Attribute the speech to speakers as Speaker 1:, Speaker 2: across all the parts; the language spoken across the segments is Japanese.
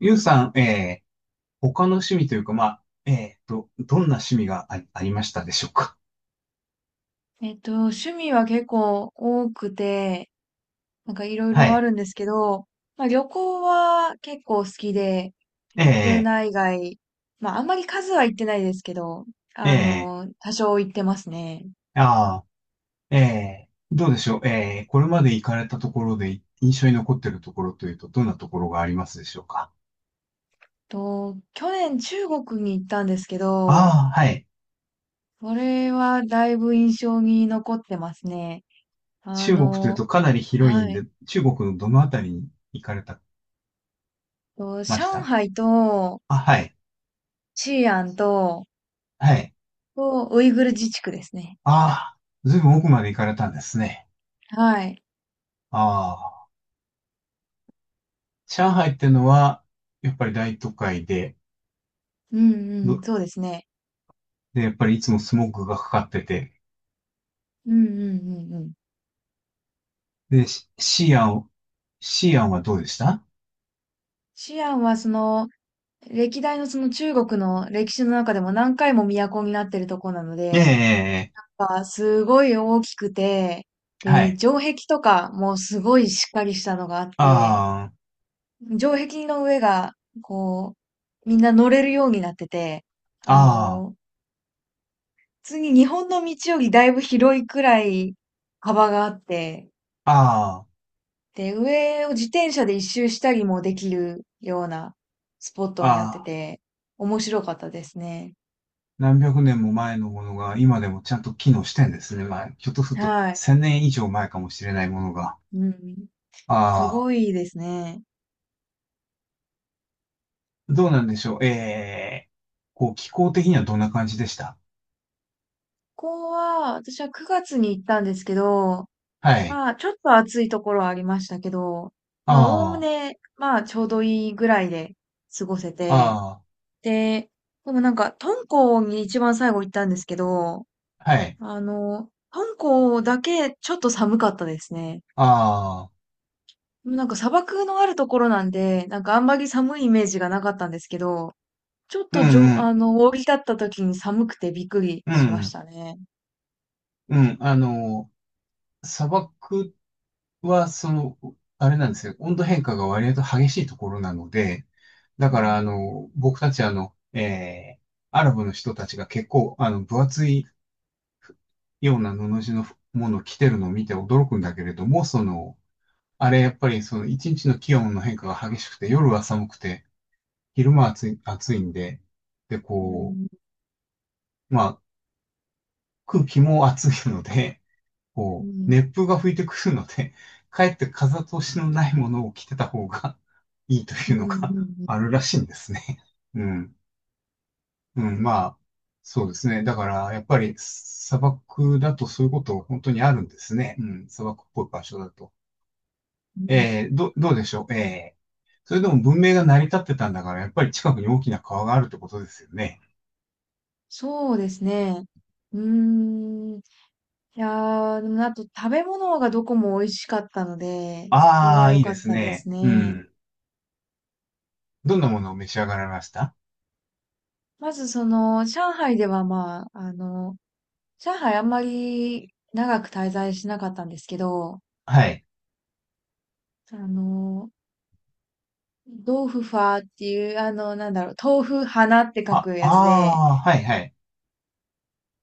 Speaker 1: ゆうさん、他の趣味というか、まあ、どんな趣味がありましたでしょうか？
Speaker 2: 趣味は結構多くて、なんかいろい
Speaker 1: は
Speaker 2: ろあ
Speaker 1: い。
Speaker 2: るんですけど、まあ、旅行は結構好きで、国
Speaker 1: え
Speaker 2: 内外、まああんまり数は行ってないですけど、
Speaker 1: ー、え
Speaker 2: 多少行ってますね。
Speaker 1: ー、あどうでしょうこれまで行かれたところで印象に残っているところというと、どんなところがありますでしょうか？
Speaker 2: 去年中国に行ったんですけど、
Speaker 1: ああー、はい。
Speaker 2: これはだいぶ印象に残ってますね。あ
Speaker 1: 中国という
Speaker 2: の、
Speaker 1: とかなり広いん
Speaker 2: はい。
Speaker 1: で、中国のどのあたりに行かれた、まし
Speaker 2: 上
Speaker 1: た？
Speaker 2: 海と、
Speaker 1: あ、はい。
Speaker 2: 西安と、
Speaker 1: はい。
Speaker 2: ウイグル自治区ですね。
Speaker 1: ああ、ずいぶん奥まで行かれたんですね。
Speaker 2: はい。
Speaker 1: ああ、上海ってのは、やっぱり大都会で、
Speaker 2: うんう
Speaker 1: ど、
Speaker 2: ん、そうですね。
Speaker 1: で、やっぱりいつもスモークがかかってて。
Speaker 2: うんうんうんうん。
Speaker 1: で、シアンはどうでした？
Speaker 2: シアンはその、歴代のその中国の歴史の中でも何回も都になってるとこなの
Speaker 1: え
Speaker 2: で、
Speaker 1: え、
Speaker 2: やっぱすごい大きくて、
Speaker 1: は
Speaker 2: で、
Speaker 1: い。
Speaker 2: 城壁とかもすごいしっかりしたのがあって、
Speaker 1: あ
Speaker 2: 城壁の上が、こう、みんな乗れるようになってて、
Speaker 1: あ、
Speaker 2: あ
Speaker 1: あ
Speaker 2: の、普通に日本の道よりだいぶ広いくらい幅があって、
Speaker 1: あ、あ
Speaker 2: で、上を自転車で一周したりもできるようなスポッ
Speaker 1: あ、
Speaker 2: トになって
Speaker 1: ああ、
Speaker 2: て、面白かったですね。
Speaker 1: 何百年も前のものが今でもちゃんと機能してんですね。まあ、ひょっとすると
Speaker 2: はい。
Speaker 1: 千年以上前かもしれないものが。
Speaker 2: うん。す
Speaker 1: あ
Speaker 2: ごいですね。
Speaker 1: あ、どうなんでしょう。ええ、こう、気候的にはどんな感じでした？
Speaker 2: ここは、私は9月に行ったんですけど、
Speaker 1: はい。
Speaker 2: まあ、ちょっと暑いところはありましたけど、まあ、おおむ
Speaker 1: あ
Speaker 2: ね、まあ、ちょうどいいぐらいで過ごせ
Speaker 1: あ、
Speaker 2: て、
Speaker 1: あ
Speaker 2: で、でもなんか、敦煌に一番最後行ったんですけど、
Speaker 1: あ、はい。
Speaker 2: 敦煌だけちょっと寒かったですね。
Speaker 1: ああ、
Speaker 2: なんか砂漠のあるところなんで、なんかあんまり寒いイメージがなかったんですけど、ちょっ
Speaker 1: う
Speaker 2: とじ
Speaker 1: ん
Speaker 2: ょ、
Speaker 1: う
Speaker 2: あ
Speaker 1: ん、
Speaker 2: の、降り立った時に寒くてびっくり
Speaker 1: う
Speaker 2: しまし
Speaker 1: ん、
Speaker 2: たね。
Speaker 1: うん、あの、砂漠は、その、あれなんですよ。温度変化が割と激しいところなので、だ
Speaker 2: う
Speaker 1: か
Speaker 2: ん、
Speaker 1: ら、僕たち、アラブの人たちが結構、分厚いような布地のものを着てるのを見て驚くんだけれども、その、あれ、やっぱり、一日の気温の変化が激しくて、夜は寒くて、昼間は暑いんで、で、
Speaker 2: う
Speaker 1: こ
Speaker 2: ん、
Speaker 1: う、まあ、空気も暑いので、
Speaker 2: う
Speaker 1: こう、
Speaker 2: ん、
Speaker 1: 熱風が吹いてくるので、かえって風通しのないものを着てた方が いいと
Speaker 2: う
Speaker 1: いう
Speaker 2: ん、
Speaker 1: のが
Speaker 2: う ん、
Speaker 1: あるらしいんですね。うん。うん、まあ、そうですね。だから、やっぱり砂漠だとそういうこと本当にあるんですね。うん、砂漠っぽい場所だと。
Speaker 2: うん。うん、
Speaker 1: どうでしょう。それでも文明が成り立ってたんだから、やっぱり近くに大きな川があるってことですよね。
Speaker 2: そうですね。うーん。いやー、でもあと食べ物がどこも美味しかったので、そこ
Speaker 1: あ
Speaker 2: が
Speaker 1: あ、
Speaker 2: 良
Speaker 1: いい
Speaker 2: か
Speaker 1: で
Speaker 2: っ
Speaker 1: す
Speaker 2: たです
Speaker 1: ね。う
Speaker 2: ね。
Speaker 1: ん。どんなものを召し上がられました？
Speaker 2: まずその、上海ではまあ、上海あんまり長く滞在しなかったんですけど、
Speaker 1: はい。
Speaker 2: あの、豆腐ファーっていう、なんだろう、豆腐花って書
Speaker 1: あ、
Speaker 2: く
Speaker 1: あ
Speaker 2: やつで、
Speaker 1: あ、はいはい。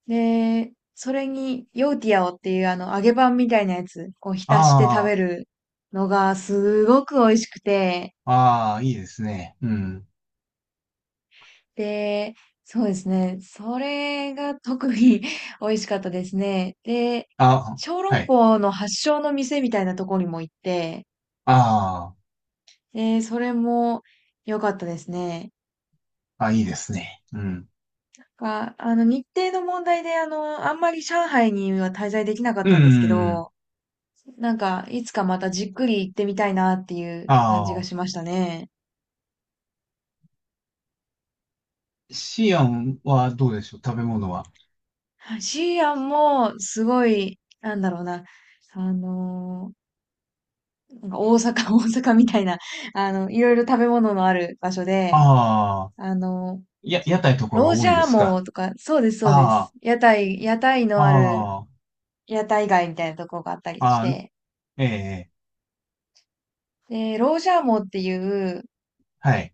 Speaker 2: で、それに、ヨーティアオっていう、揚げパンみたいなやつを浸して食
Speaker 1: あ
Speaker 2: べ
Speaker 1: あ、
Speaker 2: るのが、すごく美味しくて、
Speaker 1: ああ、いいですね。うん。
Speaker 2: で、そうですね、それが特に 美味しかったですね。で、
Speaker 1: あ、
Speaker 2: 小
Speaker 1: は
Speaker 2: 籠
Speaker 1: い。
Speaker 2: 包の発祥の店みたいなところにも行って、
Speaker 1: あ
Speaker 2: で、それも良かったですね。
Speaker 1: あ、あ、いいですね。うん。
Speaker 2: か、あの、日程の問題で、あんまり上海には滞在できなかっ
Speaker 1: う
Speaker 2: たんですけ
Speaker 1: ん。
Speaker 2: ど、なんか、いつかまたじっくり行ってみたいなっていう感じ
Speaker 1: あ
Speaker 2: がし
Speaker 1: あ、
Speaker 2: ましたね。
Speaker 1: シアンはどうでしょう、食べ物は。
Speaker 2: はい。シーアンも、すごい、なんだろうな、あのーなんか大阪、大阪みたいな、いろいろ食べ物のある場所で、
Speaker 1: ああ、
Speaker 2: あの、
Speaker 1: 屋台とか
Speaker 2: ロ
Speaker 1: が
Speaker 2: ー
Speaker 1: 多
Speaker 2: ジ
Speaker 1: いんで
Speaker 2: ャー
Speaker 1: す
Speaker 2: モ
Speaker 1: か？
Speaker 2: ーとか、そうです、そうで
Speaker 1: あ
Speaker 2: す。屋台
Speaker 1: あ、
Speaker 2: のある、
Speaker 1: あ
Speaker 2: 屋台街みたいなとこがあった
Speaker 1: あ、
Speaker 2: りし
Speaker 1: ああ、
Speaker 2: て、
Speaker 1: ええ、
Speaker 2: で、ロージャーモーっていう、
Speaker 1: はい。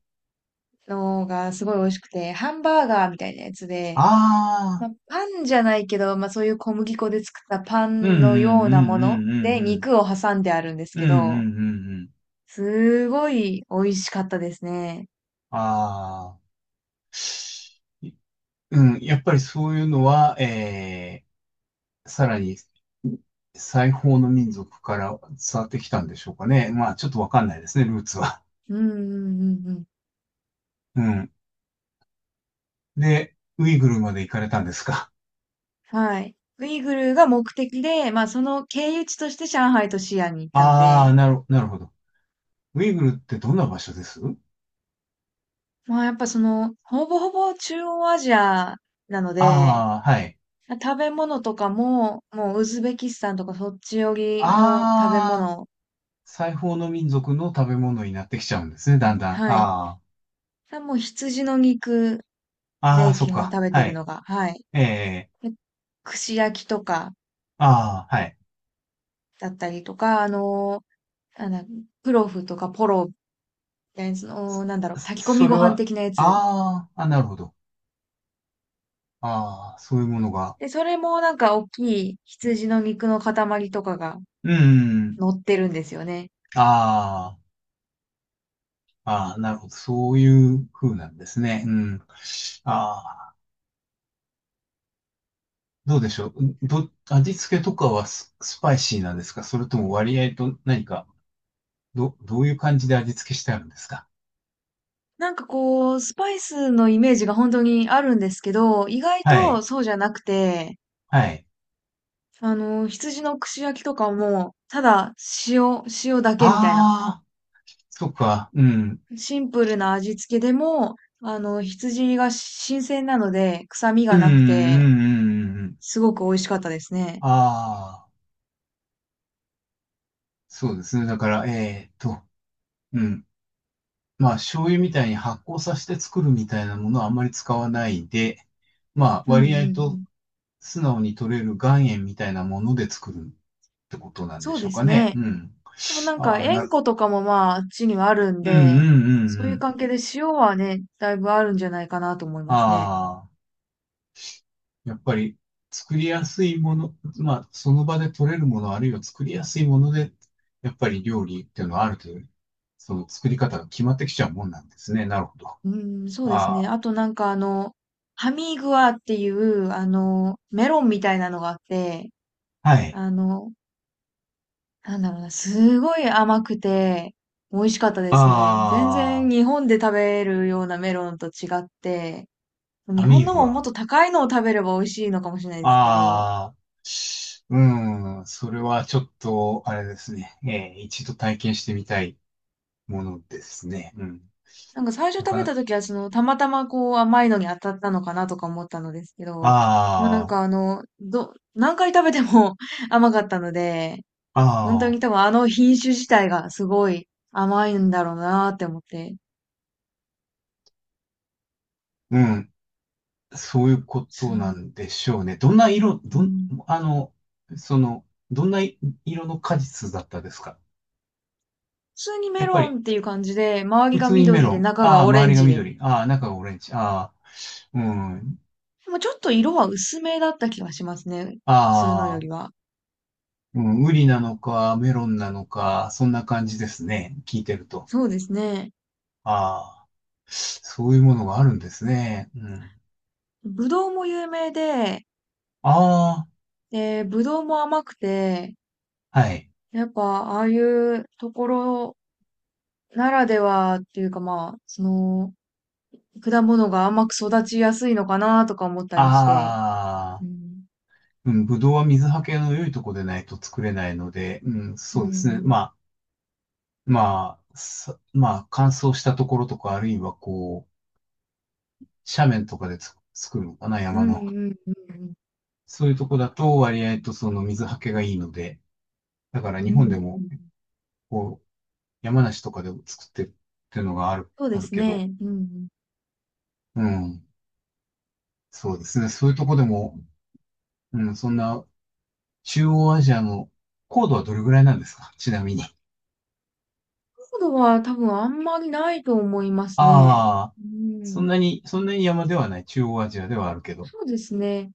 Speaker 2: のがすごい美味しくて、ハンバーガーみたいなやつで、
Speaker 1: あ
Speaker 2: ま
Speaker 1: あ、
Speaker 2: あ、パンじゃないけど、まあそういう小麦粉で作ったパ
Speaker 1: うんう
Speaker 2: ンのよ
Speaker 1: んう
Speaker 2: うな
Speaker 1: ん
Speaker 2: も
Speaker 1: う
Speaker 2: の
Speaker 1: んうん
Speaker 2: で
Speaker 1: うん。
Speaker 2: 肉を挟んであるんです
Speaker 1: うん
Speaker 2: け
Speaker 1: うんう
Speaker 2: ど、
Speaker 1: んうん。
Speaker 2: すごい美味しかったですね。
Speaker 1: ああ、いうん、やっぱりそういうのは、ええ、さらに西方の民族から伝わってきたんでしょうかね。まあ、ちょっとわかんないですね、ルーツは。
Speaker 2: うんうんうんうん。
Speaker 1: うん。で、ウイグルまで行かれたんですか？
Speaker 2: はい。ウイグルが目的で、まあその経由地として上海と西安に行ったの
Speaker 1: ああ、
Speaker 2: で、
Speaker 1: なるほど。ウイグルってどんな場所です？
Speaker 2: まあやっぱその、ほぼほぼ中央アジアなので、
Speaker 1: ああー、はい。
Speaker 2: 食べ物とかも、もうウズベキスタンとかそっち寄りの食べ
Speaker 1: ああ、
Speaker 2: 物。
Speaker 1: 西方の民族の食べ物になってきちゃうんですね、
Speaker 2: う
Speaker 1: だん
Speaker 2: ん、
Speaker 1: だん。
Speaker 2: はい。
Speaker 1: あ
Speaker 2: もう羊の肉
Speaker 1: あ、ああ、
Speaker 2: で
Speaker 1: そっ
Speaker 2: 基本
Speaker 1: か。
Speaker 2: 食べて
Speaker 1: は
Speaker 2: る
Speaker 1: い。
Speaker 2: のが、はい。
Speaker 1: ええ、
Speaker 2: で串焼きとか
Speaker 1: ああ、はい。
Speaker 2: だったりとか、あのー、なんだ、プロフとかポロみたいな、その、なんだろう、
Speaker 1: そ
Speaker 2: 炊き込み
Speaker 1: それ
Speaker 2: ご飯
Speaker 1: は、
Speaker 2: 的なやつ。
Speaker 1: ああ、あ、なるほど。ああ、そういうものが。
Speaker 2: で、それもなんか大きい羊の肉の塊とかが
Speaker 1: うん、
Speaker 2: 乗ってるんですよね。
Speaker 1: ああ。ああ、なるほど。そういう風なんですね。うん。ああ、どうでしょう。味付けとかはスパイシーなんですか？それとも割合と何か、どういう感じで味付けしてあるんですか？
Speaker 2: なんかこう、スパイスのイメージが本当にあるんですけど、意外
Speaker 1: は
Speaker 2: と
Speaker 1: い。
Speaker 2: そうじゃなくて、
Speaker 1: はい。
Speaker 2: あの羊の串焼きとかも、ただ塩だけみたいな。
Speaker 1: ああ、そっか。うん。
Speaker 2: シンプルな味付けでも、羊が新鮮なので、臭み
Speaker 1: う
Speaker 2: が
Speaker 1: ん、うん、う
Speaker 2: なくて、
Speaker 1: ん。うん。
Speaker 2: すごく美味しかったですね。
Speaker 1: ああ、そうですね。だから、うん。まあ、醤油みたいに発酵させて作るみたいなものはあんまり使わないで、まあ、
Speaker 2: うんう
Speaker 1: 割
Speaker 2: んう
Speaker 1: 合と
Speaker 2: ん。
Speaker 1: 素直に取れる岩塩みたいなもので作るってことなんで
Speaker 2: そう
Speaker 1: しょ
Speaker 2: で
Speaker 1: うか
Speaker 2: す
Speaker 1: ね。
Speaker 2: ね。
Speaker 1: うん。
Speaker 2: 多分なんか、
Speaker 1: ああ、
Speaker 2: 塩湖とかもまあ、あっちにはあるん
Speaker 1: うんうん
Speaker 2: で、
Speaker 1: うんう
Speaker 2: そういう
Speaker 1: ん。
Speaker 2: 関係で塩はね、だいぶあるんじゃないかなと思いますね。
Speaker 1: ああ、やっぱり作りやすいもの、まあ、その場で取れるもの、あるいは作りやすいもので、やっぱり料理っていうのはある程度、その作り方が決まってきちゃうもんなんですね。なるほど。
Speaker 2: うん、そうですね。
Speaker 1: あ
Speaker 2: あとなんかハミーグアっていう、メロンみたいなのがあって、
Speaker 1: あ、はい。
Speaker 2: あの、なんだろうな、すごい甘くて、美味しかったですね。全然
Speaker 1: あ
Speaker 2: 日本で食べるようなメロンと違って、
Speaker 1: あ、
Speaker 2: 日
Speaker 1: ア
Speaker 2: 本
Speaker 1: ミー
Speaker 2: の
Speaker 1: ブ
Speaker 2: ももっ
Speaker 1: は。
Speaker 2: と高いのを食べれば美味しいのかもしれないですけど、
Speaker 1: ああ、うん、それはちょっと、あれですね。一度体験してみたいものですね。うん。
Speaker 2: なんか最初
Speaker 1: な
Speaker 2: 食
Speaker 1: か
Speaker 2: べ
Speaker 1: なか、
Speaker 2: た時はその、たまたまこう甘いのに当たったのかなとか思ったのですけど、もうなん
Speaker 1: あ
Speaker 2: か
Speaker 1: あ、
Speaker 2: 何回食べても 甘かったので、
Speaker 1: あ
Speaker 2: 本当
Speaker 1: あ、
Speaker 2: に多分あの品種自体がすごい甘いんだろうなって思って、
Speaker 1: うん。そういうことな
Speaker 2: す
Speaker 1: んでしょうね。どんな色、
Speaker 2: うん、
Speaker 1: あの、どんな色の果実だったですか？
Speaker 2: 普通に
Speaker 1: や
Speaker 2: メ
Speaker 1: っぱ
Speaker 2: ロ
Speaker 1: り、
Speaker 2: ンっていう感じで、周り
Speaker 1: 普
Speaker 2: が
Speaker 1: 通にメ
Speaker 2: 緑
Speaker 1: ロ
Speaker 2: で
Speaker 1: ン。
Speaker 2: 中
Speaker 1: ああ、
Speaker 2: がオレ
Speaker 1: 周
Speaker 2: ン
Speaker 1: りが
Speaker 2: ジで。
Speaker 1: 緑。ああ、中がオレンジ。ああ、うん。
Speaker 2: でもちょっと色は薄めだった気がしますね。普通のよ
Speaker 1: ああ、
Speaker 2: りは。
Speaker 1: うん、ウリなのか、メロンなのか、そんな感じですね。聞いてると。
Speaker 2: そうですね。
Speaker 1: ああ、そういうものがあるんですね。うん。
Speaker 2: ぶどうも有名で、
Speaker 1: あ
Speaker 2: で、ぶどうも甘くて、
Speaker 1: あ、はい。
Speaker 2: やっぱああいうところならではっていうかまあ、その、果物が甘く育ちやすいのかなとか思ったりして。
Speaker 1: あ
Speaker 2: う
Speaker 1: あ、
Speaker 2: ん。
Speaker 1: うん、ぶどうは水はけの良いとこでないと作れないので、うん、
Speaker 2: う
Speaker 1: そうですね。ま
Speaker 2: ん
Speaker 1: あ、まあ、乾燥したところとか、あるいはこう、斜面とかで作るのかな、
Speaker 2: う
Speaker 1: 山
Speaker 2: ん。う
Speaker 1: の。
Speaker 2: んうんうんうん。
Speaker 1: そういうとこだと割合とその水はけがいいので、だから
Speaker 2: う
Speaker 1: 日
Speaker 2: んう
Speaker 1: 本
Speaker 2: ん
Speaker 1: で
Speaker 2: うんうんう
Speaker 1: も、
Speaker 2: んん、
Speaker 1: こう、山梨とかでも作ってるっていうのがある、
Speaker 2: そう
Speaker 1: あ
Speaker 2: で
Speaker 1: る
Speaker 2: す
Speaker 1: けど、
Speaker 2: ね。うんうん。
Speaker 1: うん、そうですね。そういうとこでも、うん、そんな中央アジアの高度はどれぐらいなんですか？ちなみに。
Speaker 2: 高度は多分あんまりないと思いますね。
Speaker 1: ああ、
Speaker 2: うー
Speaker 1: そん
Speaker 2: ん、
Speaker 1: なに、そんなに山ではない。中央アジアではあるけど。
Speaker 2: そうですね。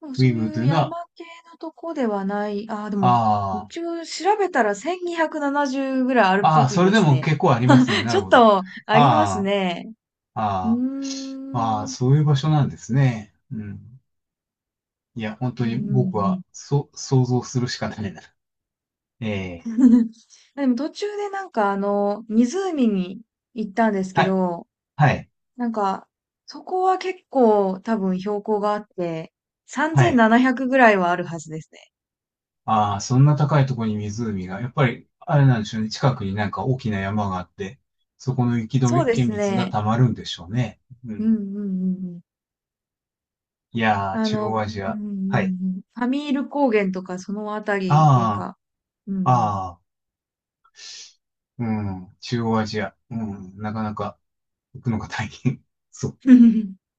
Speaker 2: でも
Speaker 1: ウ
Speaker 2: そ
Speaker 1: イ
Speaker 2: う
Speaker 1: グル
Speaker 2: い
Speaker 1: と
Speaker 2: う
Speaker 1: いうのは、
Speaker 2: 山系のとこではない、ああ、でも、
Speaker 1: あ
Speaker 2: 一応調べたら1270ぐらいあるっ
Speaker 1: あ、あ
Speaker 2: ぽ
Speaker 1: あ、
Speaker 2: くい
Speaker 1: それ
Speaker 2: で
Speaker 1: で
Speaker 2: す
Speaker 1: も
Speaker 2: ね。
Speaker 1: 結構ありますね。な
Speaker 2: ちょ
Speaker 1: る
Speaker 2: っ
Speaker 1: ほど。
Speaker 2: とあります
Speaker 1: あ
Speaker 2: ね。
Speaker 1: あ、
Speaker 2: うーん、
Speaker 1: ああ、ああ、
Speaker 2: うん
Speaker 1: そういう場所なんですね。うん。いや、本
Speaker 2: う
Speaker 1: 当に僕は、
Speaker 2: ん
Speaker 1: 想像するしかないな。ええ、
Speaker 2: うん。でも途中でなんか湖に行ったんです
Speaker 1: は
Speaker 2: け
Speaker 1: い、
Speaker 2: ど、
Speaker 1: はい、
Speaker 2: なんか、そこは結構多分標高があって、
Speaker 1: はい。
Speaker 2: 3700ぐらいはあるはずですね。
Speaker 1: ああ、そんな高いところに湖が、やっぱり、あれなんでしょうね。近くになんか大きな山があって、そこの雪
Speaker 2: そう
Speaker 1: 解
Speaker 2: で
Speaker 1: け
Speaker 2: す
Speaker 1: 水が
Speaker 2: ね。
Speaker 1: 溜まるんでしょうね。う
Speaker 2: うん
Speaker 1: ん。
Speaker 2: うんうんうん。
Speaker 1: いやー、
Speaker 2: あ
Speaker 1: 中
Speaker 2: の、う
Speaker 1: 央
Speaker 2: ん
Speaker 1: アジ
Speaker 2: う
Speaker 1: ア。はい。
Speaker 2: んうんファミール高原とかそのあたりっていう
Speaker 1: あ
Speaker 2: か、う
Speaker 1: あ、
Speaker 2: んうん。
Speaker 1: ああ、うん、中央アジア。うん、なかなか行くのが大変。そう